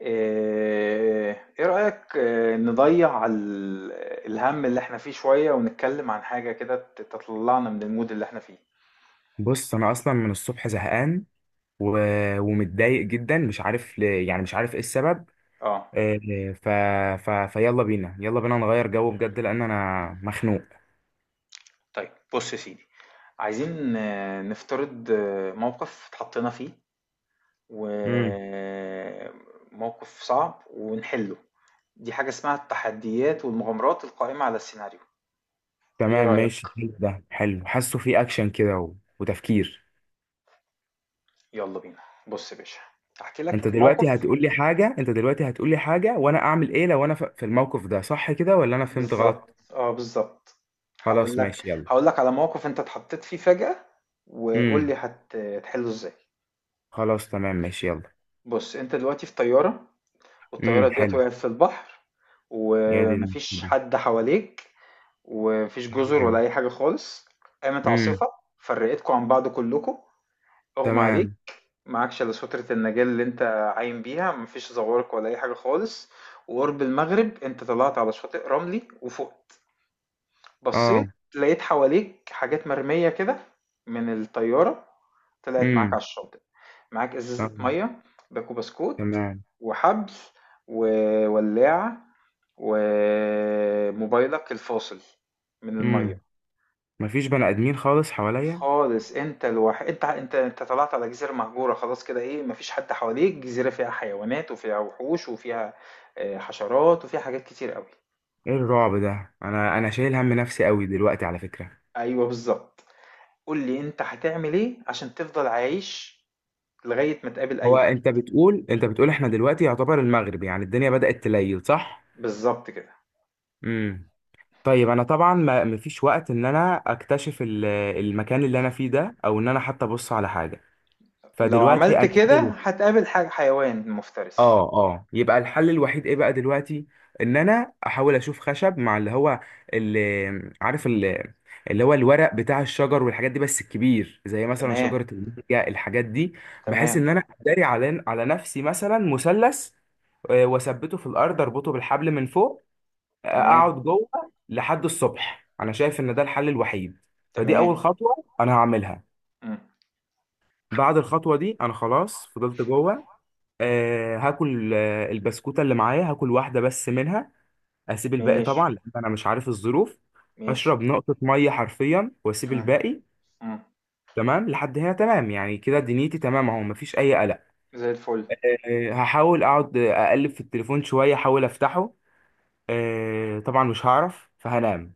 إيه رأيك نضيع الهم اللي احنا فيه شوية ونتكلم عن حاجة كده تطلعنا من المود اللي احنا فيه. بص انا اصلا من الصبح زهقان و... ومتضايق جدا مش عارف ل... يعني مش عارف ايه السبب. اه. آه، ف... ف... فيلا بينا، يلا بينا نغير جو بجد لان انا مخنوق. طيب بص يا سيدي، عايزين نفترض موقف اتحطينا فيه امم وموقف صعب ونحله. دي حاجة اسمها التحديات والمغامرات القائمة على السيناريو. ايه تمام ماشي رأيك؟ حلو، ده حلو، حاسه في اكشن كده وتفكير. يلا بينا. بص يا باشا، احكي لك موقف. انت دلوقتي هتقول لي حاجة وانا اعمل ايه لو انا في الموقف ده، صح كده ولا انا فهمت غلط؟ بالضبط، بالضبط. خلاص ماشي يلا. هاقول لك على موقف أنت اتحطيت فيه فجأة، وقُل لي امم، هتحلّه إزاي. خلاص تمام ماشي يلا. بُص، أنت دلوقتي في طيارة والطيارة امم، ديّة حلو. وقعت في البحر. يا دي وما فيش المشكلة. حد حواليك وما فيش جُزر ولا تمام. أي حاجة خالص. قامت امم. عاصفة فرّقتكم عن بعض كلّكم، أُغمى عليك، تمام. معاكش إلا سترة النجاة اللي أنت عايم بيها، ما فيش زوارق ولا أي حاجة خالص، وقُرب المغرب أنت طلعت على شاطئ رملي وفُقت. اه. بصيت لقيت حواليك حاجات مرمية كده من الطيارة. طلعت معاك امم. على الشاطئ، معاك آه، ازازة مية، باكو بسكوت، تمام. وحبل، وولاعة، وموبايلك الفاصل من امم. المية. مفيش بني ادمين خالص حواليا. خالص، انت الوحيد. انت طلعت على جزيرة مهجورة خلاص كده. ايه، مفيش حد حواليك. جزيرة فيها حيوانات وفيها وحوش وفيها حشرات وفيها حاجات كتير قوي. ايه الرعب ده؟ انا شايل هم نفسي قوي دلوقتي على فكرة. ايوه بالظبط. قول لي انت هتعمل ايه عشان تفضل عايش لغاية ما تقابل هو أي حد. انت بتقول احنا دلوقتي يعتبر المغرب، يعني الدنيا بدأت تليل، صح؟ بالضبط كده. امم. طيب انا طبعا ما مفيش وقت ان انا اكتشف المكان اللي انا فيه ده، او ان انا حتى ابص على حاجة، لو فدلوقتي عملت انا كده شايف. هتقابل حيوان مفترس. اه اه، يبقى الحل الوحيد ايه بقى دلوقتي؟ ان انا احاول اشوف خشب مع اللي هو اللي عارف اللي, اللي هو الورق بتاع الشجر والحاجات دي، بس الكبير زي مثلا تمام، شجرة المانجا الحاجات دي. بحيث ان تمام، انا اداري على نفسي، مثلا مثلث، واثبته في الارض، اربطه بالحبل من فوق، تمام، اقعد جوه لحد الصبح. انا شايف ان ده الحل الوحيد، فدي اول تمام، خطوة انا هعملها. إمم، بعد الخطوة دي انا خلاص فضلت جوه، هاكل البسكوتة اللي معايا، هاكل واحدة بس منها، اسيب الباقي ماشي، طبعا لان انا مش عارف الظروف. ماشي، هشرب نقطة مية حرفيا واسيب إمم، الباقي. إمم، تمام لحد هنا، تمام يعني كده دنيتي تمام اهو، مفيش اي قلق. زي الفل، هحاول اقعد، اقلب في التليفون شوية، احاول افتحه. طبعا مش هعرف فهنام،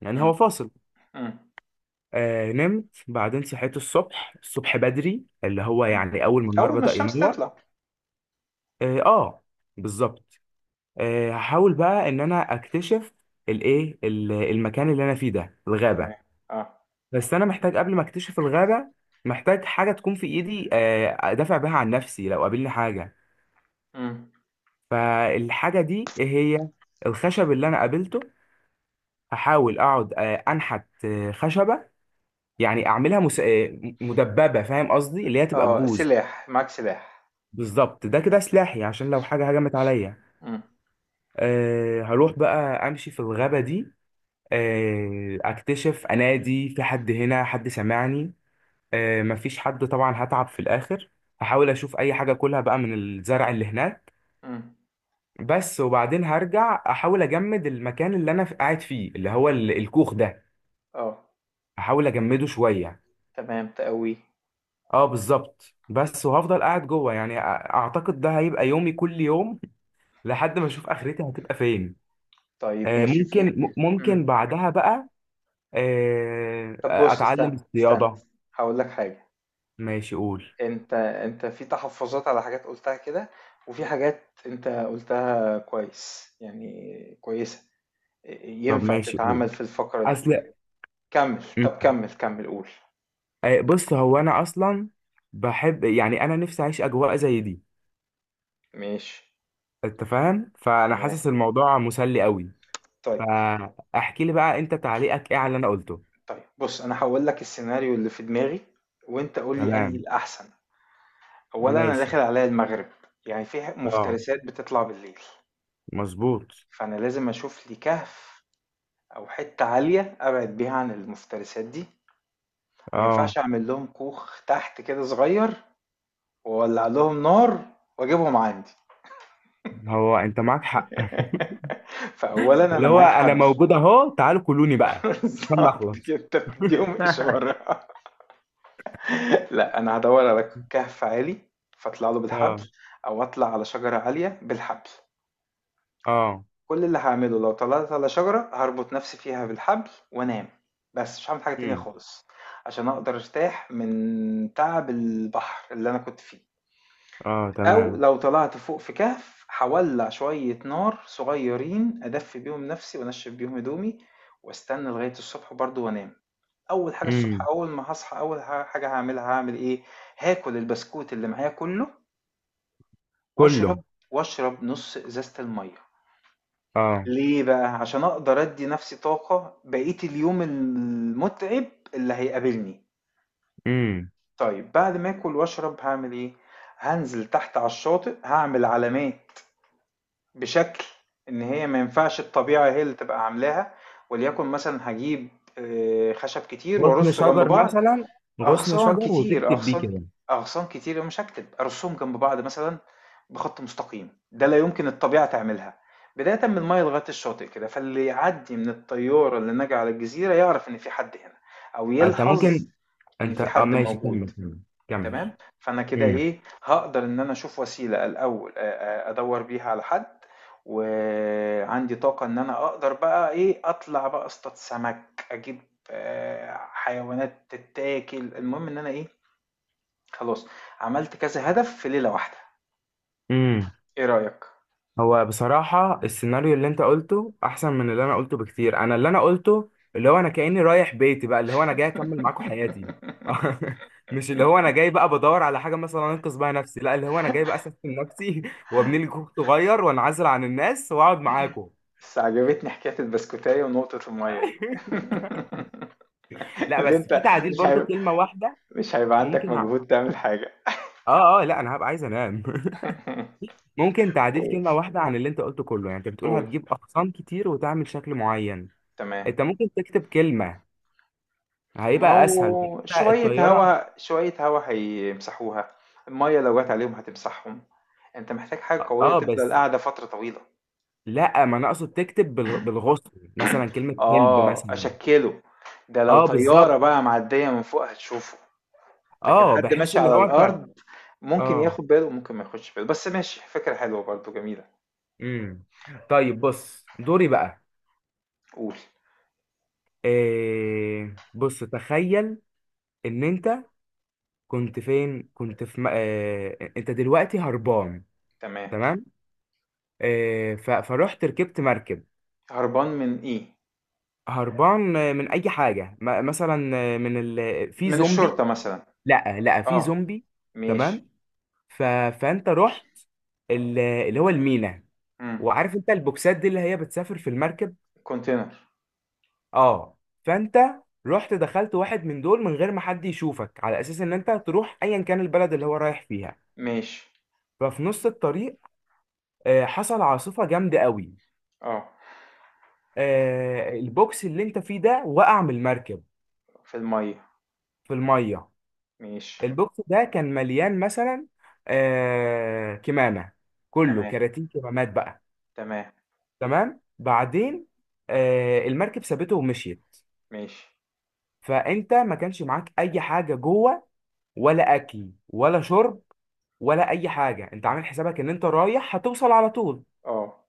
يعني هو إمم، فاصل. إمم، نمت، بعدين صحيت الصبح، بدري، اللي هو إمم. يعني اول ما النهار أول ما بدأ الشمس ينور. تطلع. اه، بالظبط. هحاول بقى ان انا اكتشف المكان اللي انا فيه ده، تمام، الغابه. آه، بس انا محتاج قبل ما اكتشف الغابه، محتاج حاجه تكون في ايدي، ادافع بيها عن نفسي لو قابلني حاجه. إمم، فالحاجه دي إيه هي؟ الخشب اللي انا قابلته، هحاول اقعد انحت خشبه، يعني اعملها مس... آه، مدببه، فاهم قصدي؟ اللي هي تبقى آه، ببوز. سلاح، معاك سلاح، بالظبط، ده كده سلاحي عشان لو حاجه هجمت عليا. إمم، أه هروح بقى امشي في الغابه دي، اكتشف، انادي في حد هنا حد سمعني. مفيش حد طبعا، هتعب في الاخر. هحاول اشوف اي حاجه اكلها بقى من الزرع اللي هناك. إمم، بس وبعدين هرجع، احاول اجمد المكان اللي انا قاعد فيه اللي هو الكوخ ده، آه، احاول اجمده شويه. تمام، تقويه، اه بالظبط. بس وهفضل قاعد جوه يعني اعتقد ده هيبقى يومي كل يوم لحد ما اشوف اخرتي هتبقى فين. طيب ماشي ممكن في ممكن إمم، بعدها بقى طب بُص، اتعلم استنى، استنى، الصياده. هاقول لك حاجة. ماشي قول. أنت في تحفظات على حاجات قُلتها كده، وفي حاجات أنت قُلتها كويس، يعني كويسة، طب ينفع ماشي قول. تتعمل في الفقرة دي. اصل كمّل، م. طَب كمّل، كمّل قُل. آه، بص، هو انا اصلا بحب، يعني انا نفسي اعيش اجواء زي دي. ماشي، انت فاهم؟ فانا تمام. حاسس الموضوع مسلي قوي. طيب، فاحكي لي بقى انت تعليقك ايه على اللي انا قلته. طيب بُص، أنا هاقول لك السيناريو اللي في دماغي، وأنت قُل لي أنهي تمام. الأحسن. أولًا أنا ماشي. داخل عليّا المغرب، يعني في اه، مفترسات بتطلع بالليل، مظبوط. فأنا لازم أشوف لي كهف أو حتّة عالية أبعد بيها عن المفترسات دي. ما اه، ينفعش أعمل لهم كوخ تحت كده صغير وولع لهم نار واجيبهم عندي. هو انت معاك حق. فاولا اللي انا هو معايا انا حبل. موجود اهو، تعالوا كلوني بقى عشان بالظبط نخلص. كده، انت بتديهم اشاره. لا، انا هدور على كهف عالي فاطلع له بالحبل اه او اطلع على شجره عاليه بالحبل. اه. كل اللي هعمله لو طلعت على شجره هربط نفسي فيها بالحبل وانام. بس مش هعمل حاجه تانية امم. خالص عشان اقدر ارتاح من تعب البحر اللي انا كنت فيه. اه. أو تمام. لو طلعت فوق في كهف هاولّع شوية نار صغيّرين أدفّي بيهم نَفْسي وأنشّف بيهم هدومي وأستنى لغاية الصبح برضه وأنام. أول حاجة الصبح، امم. أول ما هاصحى، أول حاجة هاعملها هاعمل إيه؟ هاكل البسكوت اللي معايا كُلّه كله. وأشرب نُص إزازة المَيّة. اه. ليه بقى؟ عشان أقدر أدّي نَفْسي طاقة بقية اليوم المُتعب اللي هيقابلني. امم. طيب بعد ما آكل وأشرب هاعمل إيه؟ هانزل تحت على الشاطئ، هاعمل علامات بشكل إن هي ما ينفعش الطبيعة هي اللي تبقى عاملاها، وليكن مثلًا هاجيب خشب كتير غصن وأرصه جنب شجر بعض. مثلا، غصن أغصان شجر كتير، وتكتب بيه أغصان كده. أغصان كتير مش هاكتب، أرصهم جنب بعض مثلًا بخط مستقيم، ده لا يمكن الطبيعة تعملها، بدايةً من المَيّة لغاية الشاطئ كده، فاللي يعدّي من الطيارة اللي ناجية على الجزيرة يعرف إن في حد هنا، أو انت يلحظ ممكن، إن انت في اه حد ماشي موجود. كمل، كمل. تمام؟ فأنا كده امم. إيه، هاقدر إن أنا أشوف وسيلة الأول أدوّر بيها على حد، وعندي طاقة إن أنا أقدر بقى إيه، أطلع بقى أصطاد سمك، أجيب حيوانات تتاكل، المهم إن أنا إيه، خلاص عملت كذا هدف في ليلة واحدة. امم. إيه رأيك؟ هو بصراحة السيناريو اللي انت قلته احسن من اللي انا قلته بكتير. انا اللي انا قلته، اللي هو انا كأني رايح بيتي بقى، اللي هو انا جاي اكمل معاكم حياتي. مش اللي هو انا جاي بقى بدور على حاجة مثلا انقذ بيها نفسي، لا اللي هو انا جاي بقى اسفل نفسي وابني لي كوخ صغير وانعزل عن الناس واقعد معاكم. بس عجبتني حكاية البسكوتاية ونقطة المَيّة دي. لا اللي بس في أنت، تعديل مش برضو هي، كلمة واحدة. مش هيبقى عندك ممكن، مجهود تعمل حاجة. اه اه، لا انا هبقى عايز انام. ممكن تعديل قُل، كلمة واحدة عن اللي انت قلته كله. يعني انت بتقول قُل. هتجيب اقسام كتير وتعمل شكل معين، تمام. انت ممكن تكتب كلمة، ما هيبقى اسهل. هو انت شوية الطيارة، هوا شوية هوا هيمسحوها، المَيّة لو جات عليهم هتمسحهم، أنت محتاج حاجة قوية اه تفضل بس، قاعدة فترة طويلة. لا ما انا اقصد تكتب بالغصن مثلا كلمة هلب آه، مثلا. أشكِّله، ده لو اه طيارة بالظبط. بقى معدية من فوق هتشوفه، لكن اه، حد بحس ماشي اللي على هو انت، الأرض ممكن اه، ياخد باله وممكن ما ياخدش باله، بس ماشي، فكرة حلوة برضه، جميلة. امم. طيب بص دوري بقى. قُل. إيه بص، تخيل ان انت كنت فين، كنت في انت دلوقتي هربان. تمام، تمام. فروحت ركبت مركب. هربان من إيه؟ هربان، من اي حاجه، مثلا من في من زومبي. الشرطة مثلًا، لا لا، في آه، زومبي. ماشي، تمام. ف... فانت رحت اللي هو المينا، إمم، وعارف انت البوكسات دي اللي هي بتسافر في المركب. container، اه. فانت رحت، دخلت واحد من دول من غير ما حد يشوفك، على اساس ان انت تروح ايا كان البلد اللي هو رايح فيها. ماشي، ففي نص الطريق حصل عاصفه جامده قوي، آه، البوكس اللي انت فيه ده وقع من المركب في المَيّة، في الميه. ماشي، البوكس ده كان مليان مثلا كمامه، كله تمام. كراتين كمامات بقى. تمام، تمام بعدين، المركب سابته ومشيت. ماشي، فانت ما كانش معاك اي حاجه جوه، ولا اكل ولا شرب ولا اي حاجه، انت عامل حسابك ان انت رايح هتوصل على طول. اه،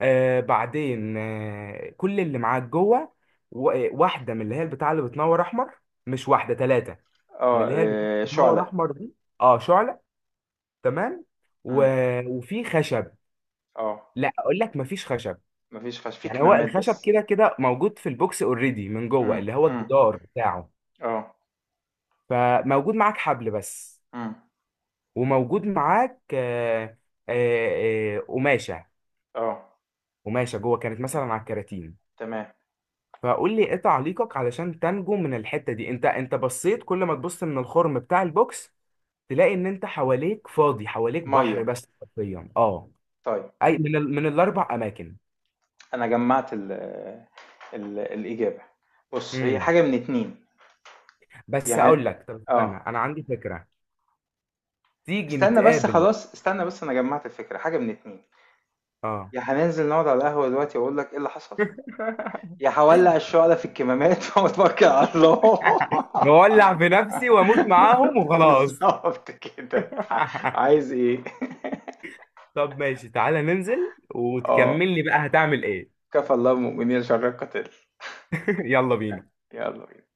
بعدين كل اللي معاك جوه واحده من اللي هي البتاع اللي بتنور احمر، مش واحده، ثلاثه، من اه، اللي هي اللي آه، بتنور شعلة، احمر دي. اه شعله. تمام. و... مم. وفي خشب. اه، لا اقول لك مفيش خشب، مفيش خش في يعني هو كمامات الخشب بس، كده كده موجود في البوكس اوريدي من جوه، مم. اللي هو مم. الجدار بتاعه. اه، فموجود معاك حبل بس، مم. وموجود معاك، قماشه، اه، قماشه جوه كانت مثلا على الكراتين. تمام، فقول لي ايه تعليقك علشان تنجو من الحته دي؟ انت انت بصيت، كل ما تبص من الخرم بتاع البوكس تلاقي ان انت حواليك فاضي، حواليك بحر مية. بس حرفيا، اه. طيب، اي من من الاربع اماكن؟ انا جمعت ال ال الاجابة. بص، هي امم. حاجة من اتنين. يا بس هن... اقول لك، طب استنى، اه انا عندي فكره، تيجي استنى بس، نتقابل؟ خلاص استنى بس انا جمعت الفكرة. حاجة من اتنين، اه. يا هننزل نقعد على القهوة دلوقتي واقول لك ايه اللي حصل، يا هولع الشعلة في الكمامات واتوكل على الله. نولع في نفسي واموت معاهم وخلاص. بالظبط كده. عايز ايه. طب ماشي، تعالى ننزل اه، وتكمل لي بقى هتعمل ايه. كفى الله المؤمنين شر القتال. يلا بينا. يلا بينا.